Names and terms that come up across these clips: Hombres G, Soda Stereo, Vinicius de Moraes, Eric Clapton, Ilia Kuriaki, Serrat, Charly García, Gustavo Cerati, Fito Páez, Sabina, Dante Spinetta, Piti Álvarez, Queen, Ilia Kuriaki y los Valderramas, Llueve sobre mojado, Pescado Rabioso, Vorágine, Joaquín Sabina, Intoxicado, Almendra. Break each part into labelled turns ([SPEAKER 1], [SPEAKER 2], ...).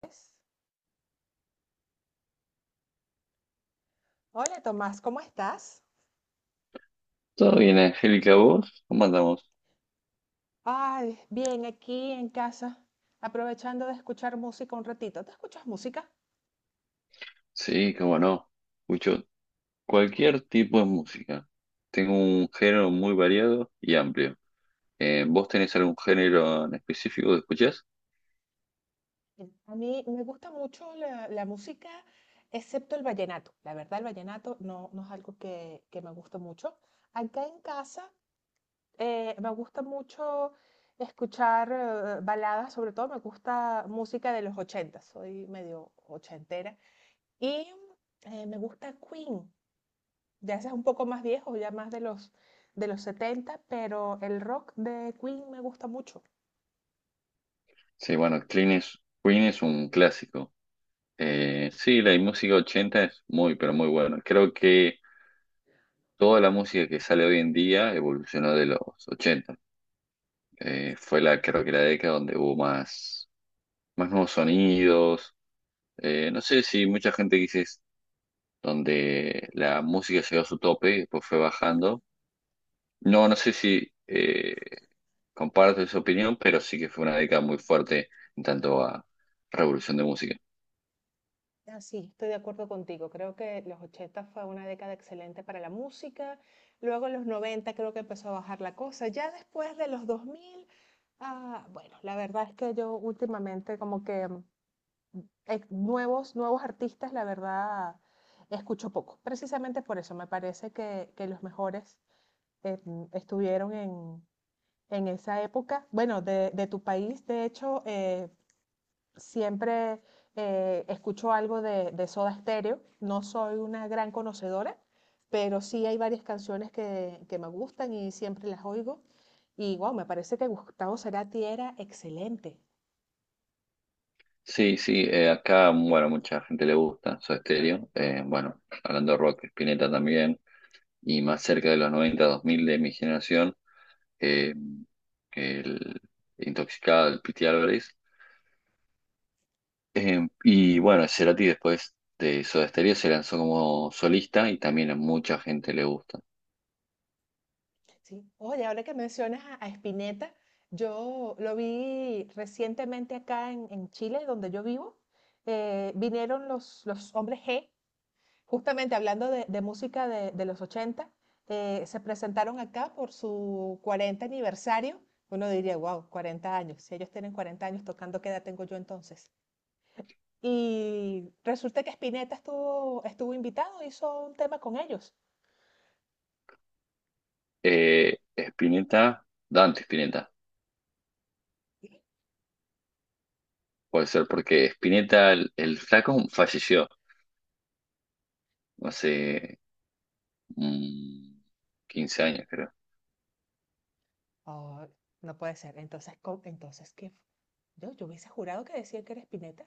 [SPEAKER 1] Pues. Hola Tomás, ¿cómo estás?
[SPEAKER 2] Todo bien, Angélica, ¿vos? ¿Cómo andamos?
[SPEAKER 1] Ay, bien, aquí en casa, aprovechando de escuchar música un ratito. ¿Te escuchas música?
[SPEAKER 2] Sí, cómo no. Escucho cualquier tipo de música. Tengo un género muy variado y amplio. ¿Vos tenés algún género en específico que escuchás?
[SPEAKER 1] Mira, a mí me gusta mucho la música, excepto el vallenato. La verdad, el vallenato no, no es algo que me gusta mucho. Acá en casa me gusta mucho escuchar baladas, sobre todo me gusta música de los 80, soy medio ochentera. Y me gusta Queen. Ya ese es un poco más viejo, ya más de los 70, pero el rock de Queen me gusta mucho.
[SPEAKER 2] Sí, bueno, Queen es un clásico. Sí, la música 80 es muy, pero muy buena. Creo que toda la música que sale hoy en día evolucionó de los 80. Fue la, creo que la década donde hubo más nuevos sonidos. No sé si mucha gente dice donde la música llegó a su tope y después fue bajando. No, no sé si comparto esa opinión, pero sí que fue una década muy fuerte en tanto a revolución de música.
[SPEAKER 1] Ah, sí, estoy de acuerdo contigo. Creo que los 80 fue una década excelente para la música. Luego en los 90 creo que empezó a bajar la cosa. Ya después de los 2000, ah, bueno, la verdad es que yo últimamente como que nuevos artistas, la verdad, escucho poco. Precisamente por eso me parece que los mejores eh, estuvieron en esa época, bueno, de tu país, de hecho, siempre escucho algo de Soda Stereo. No soy una gran conocedora, pero sí hay varias canciones que me gustan y siempre las oigo. Y wow, me parece que Gustavo Cerati era excelente.
[SPEAKER 2] Sí, sí, acá, bueno, mucha gente le gusta Soda Stereo. Bueno, hablando de rock, Spinetta también. Y más cerca de los noventa dos mil de mi generación, eh, el Intoxicado, el Piti Álvarez. Y bueno, Cerati después de Soda Stereo se lanzó como solista y también a mucha gente le gusta.
[SPEAKER 1] ¿Sí? Oye, ahora que mencionas a Spinetta, yo lo vi recientemente acá en Chile, donde yo vivo. Vinieron los hombres G. Justamente hablando de música de los 80, se presentaron acá por su 40 aniversario. Uno diría, wow, 40 años. Si ellos tienen 40 años tocando, ¿qué edad tengo yo entonces? Y resulta que Spinetta estuvo invitado, hizo un tema con ellos.
[SPEAKER 2] Spinetta, Dante Spinetta,
[SPEAKER 1] Y,
[SPEAKER 2] puede ser porque Spinetta, el flaco, falleció hace mm, 15 años, creo.
[SPEAKER 1] oh, no puede ser. Entonces, ¿qué? Yo hubiese jurado que decían que era Spinetta.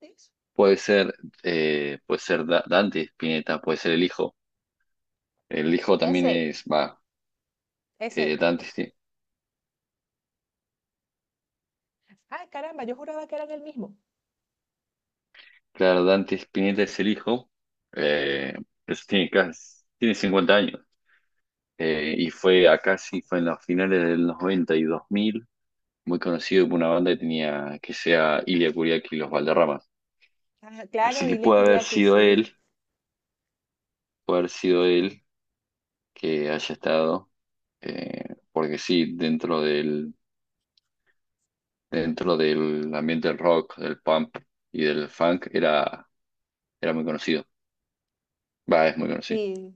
[SPEAKER 1] Dios.
[SPEAKER 2] Puede ser, puede ser Dante Spinetta, puede ser el hijo. El hijo también
[SPEAKER 1] Ese,
[SPEAKER 2] es, va, eh,
[SPEAKER 1] ese.
[SPEAKER 2] Dante, Spi-
[SPEAKER 1] Ay, caramba, yo juraba que eran el mismo.
[SPEAKER 2] claro, Dante Spinetta es el hijo, eh, pero tiene tiene 50 años. Y fue acá, sí, fue en los finales del 90 y 2000 muy conocido por una banda que tenía que sea Ilia Kuriaki y los Valderramas.
[SPEAKER 1] Ah, claro,
[SPEAKER 2] Así que
[SPEAKER 1] Ilia
[SPEAKER 2] puede haber
[SPEAKER 1] Kuriaki,
[SPEAKER 2] sido
[SPEAKER 1] sí.
[SPEAKER 2] él, puede haber sido
[SPEAKER 1] Sí.
[SPEAKER 2] él que haya estado, porque sí, dentro del ambiente del rock, del punk y del funk era muy conocido. Va, es muy conocido.
[SPEAKER 1] Sí,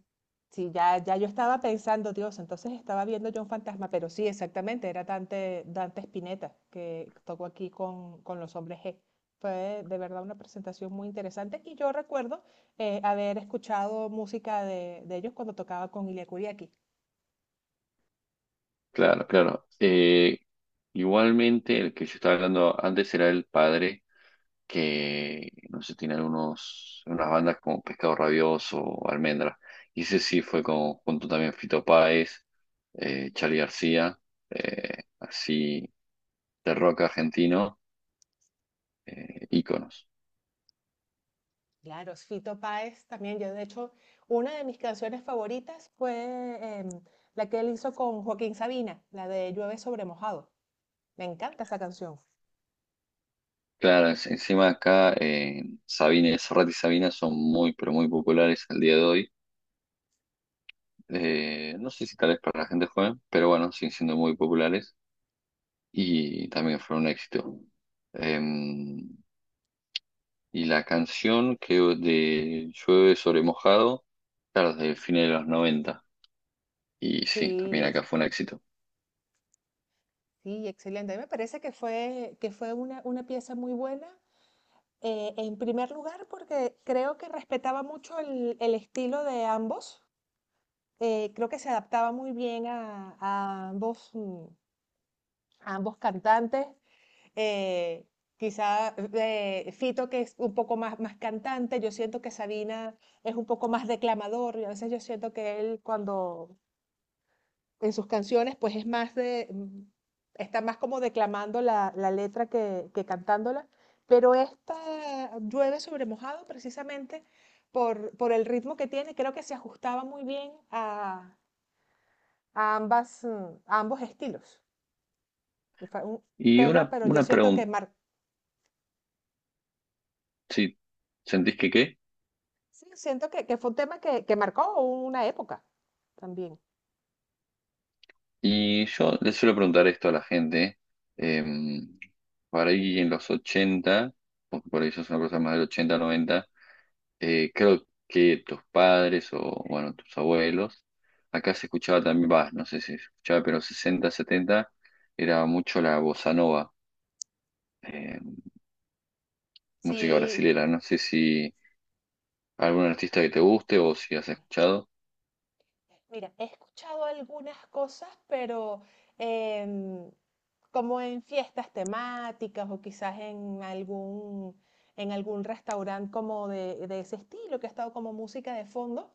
[SPEAKER 1] sí, ya, ya yo estaba pensando, Dios, entonces estaba viendo yo un fantasma, pero sí, exactamente, era Dante, Dante Spinetta que tocó aquí con los hombres G. Fue de verdad una presentación muy interesante y yo recuerdo haber escuchado música de ellos cuando tocaba con Ilia Kuriaki.
[SPEAKER 2] Claro, claro. Igualmente, el que yo estaba hablando antes era el padre que no sé, tiene unas bandas como Pescado Rabioso o Almendra. Y ese sí fue junto también a Fito Páez, Charly García, así de rock argentino, íconos.
[SPEAKER 1] Claro, Fito Páez también, yo de hecho, una de mis canciones favoritas fue la que él hizo con Joaquín Sabina, la de Llueve sobre mojado. Me encanta esa canción.
[SPEAKER 2] Claro, encima acá Sabina, Serrat y Sabina son muy, pero muy populares al día de hoy. No sé si tal vez para la gente joven, pero bueno, siguen siendo muy populares y también fueron un éxito. Em, Y la canción que de Llueve sobre mojado, claro, desde fines de los noventa. Y sí,
[SPEAKER 1] Sí,
[SPEAKER 2] también
[SPEAKER 1] es,
[SPEAKER 2] acá fue un éxito.
[SPEAKER 1] Sí, excelente. A mí me parece que fue una pieza muy buena. En primer lugar, porque creo que respetaba mucho el estilo de ambos. Creo que se adaptaba muy bien a ambos cantantes. eh, Quizá Fito, que es un poco más cantante, yo siento que Sabina es un poco más declamador. Y a veces yo siento que él, cuando en sus canciones, pues es más está más como declamando la letra que cantándola, pero esta llueve sobre mojado precisamente por el ritmo que tiene, creo que se ajustaba muy bien a ambos estilos. Fue un
[SPEAKER 2] Y
[SPEAKER 1] tema,
[SPEAKER 2] una,
[SPEAKER 1] pero yo
[SPEAKER 2] una
[SPEAKER 1] siento
[SPEAKER 2] pregunta, ¿si sentís que qué?
[SPEAKER 1] sí, siento que fue un tema que marcó una época también.
[SPEAKER 2] Y yo le suelo preguntar esto a la gente, em, por ahí en los 80 porque por ahí eso es una cosa más del 80 90 creo que tus padres o, bueno, tus abuelos, acá se escuchaba también, bah, no sé si se escuchaba, pero 60 70 era mucho la bossa nova. Eh, Música
[SPEAKER 1] Sí,
[SPEAKER 2] brasilera. No sé si algún artista que te guste o si has escuchado.
[SPEAKER 1] mira, he escuchado algunas cosas, pero em, como en fiestas temáticas o quizás en algún restaurante como de ese estilo, que ha estado como música de fondo.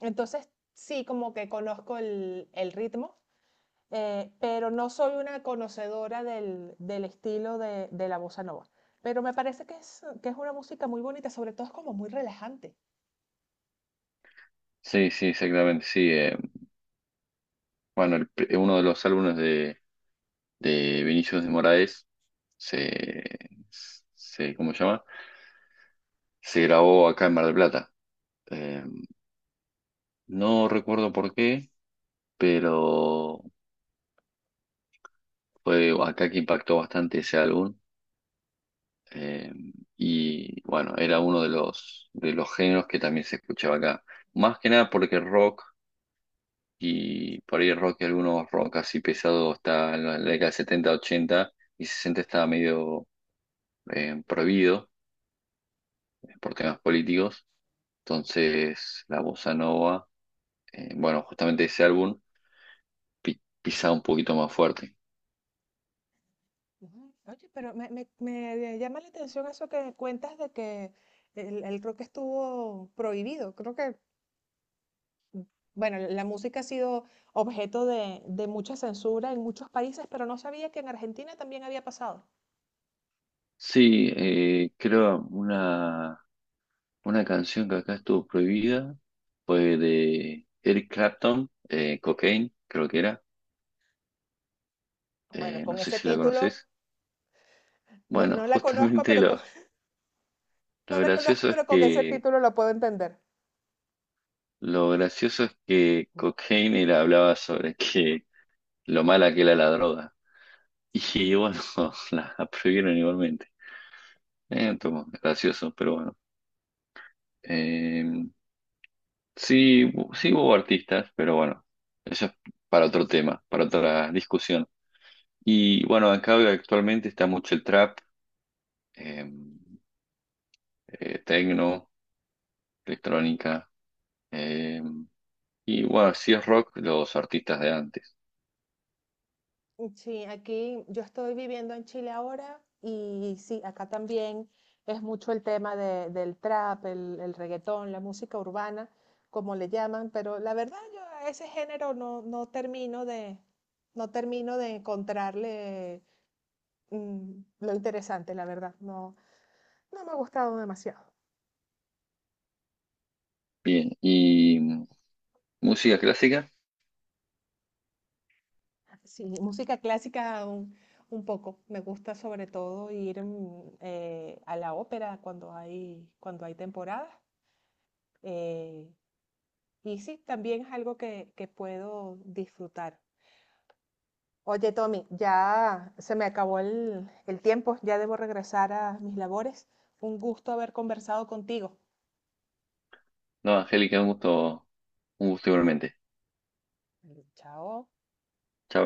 [SPEAKER 1] Entonces, sí, como que conozco el ritmo, pero no soy una conocedora del estilo de la bossa nova. Pero me parece que es una música muy bonita, sobre todo es como muy relajante.
[SPEAKER 2] Sí, sí, exactamente, sí. Bueno, el uno de los álbumes de Vinicius de Moraes se, se, ¿cómo se llama? Se grabó acá en Mar del Plata. Eh, no recuerdo por qué, pero fue acá que impactó bastante ese álbum. Eh, y bueno, era uno de los géneros que también se escuchaba acá. Más que nada porque rock y por ahí rock, algunos rock así pesado está en la década de 70 80 y 60 estaba medio prohibido por temas políticos. Entonces la bossa nova, bueno, justamente ese álbum pisaba un poquito más fuerte.
[SPEAKER 1] Ujú. Oye, pero me llama la atención eso que cuentas de que el rock estuvo prohibido. Creo que Bueno, la música ha sido objeto de mucha censura en muchos países, pero no sabía que en Argentina también había pasado.
[SPEAKER 2] Sí, creo una canción que acá estuvo prohibida fue de Eric Clapton, Cocaine, creo que era.
[SPEAKER 1] Bueno,
[SPEAKER 2] No
[SPEAKER 1] con
[SPEAKER 2] sé
[SPEAKER 1] ese
[SPEAKER 2] si la
[SPEAKER 1] título,
[SPEAKER 2] conoces.
[SPEAKER 1] no,
[SPEAKER 2] Bueno,
[SPEAKER 1] no la conozco,
[SPEAKER 2] justamente
[SPEAKER 1] pero con, no
[SPEAKER 2] lo
[SPEAKER 1] la conozco,
[SPEAKER 2] gracioso es
[SPEAKER 1] pero con ese
[SPEAKER 2] que
[SPEAKER 1] título lo puedo entender.
[SPEAKER 2] Lo gracioso es que Cocaine le hablaba sobre que lo mala que era la droga. Y bueno, la prohibieron igualmente. Entonces, gracioso, pero bueno. Eh, sí, sí hubo artistas, pero bueno, eso es para otro tema, para otra discusión. Y bueno, acá actualmente está mucho el trap, eh, tecno, electrónica. eh, y bueno, si es rock, los artistas de antes.
[SPEAKER 1] Mm. Sí, aquí yo estoy viviendo en Chile ahora y sí, acá también es mucho el tema del trap, el reggaetón, la música urbana, como le llaman, pero la verdad yo a ese género no, no termino de encontrarle lo interesante, la verdad. No, no me ha gustado demasiado.
[SPEAKER 2] Bien, y música clásica.
[SPEAKER 1] Sí, música clásica un poco. Me gusta sobre todo ir a la ópera cuando hay temporada. eh, y sí, también es algo que puedo disfrutar. Oye, Tommy, ya se me acabó el tiempo, ya debo regresar a mis labores. Un gusto haber conversado contigo.
[SPEAKER 2] No, Angélica, un gusto igualmente.
[SPEAKER 1] Chao.
[SPEAKER 2] Chao.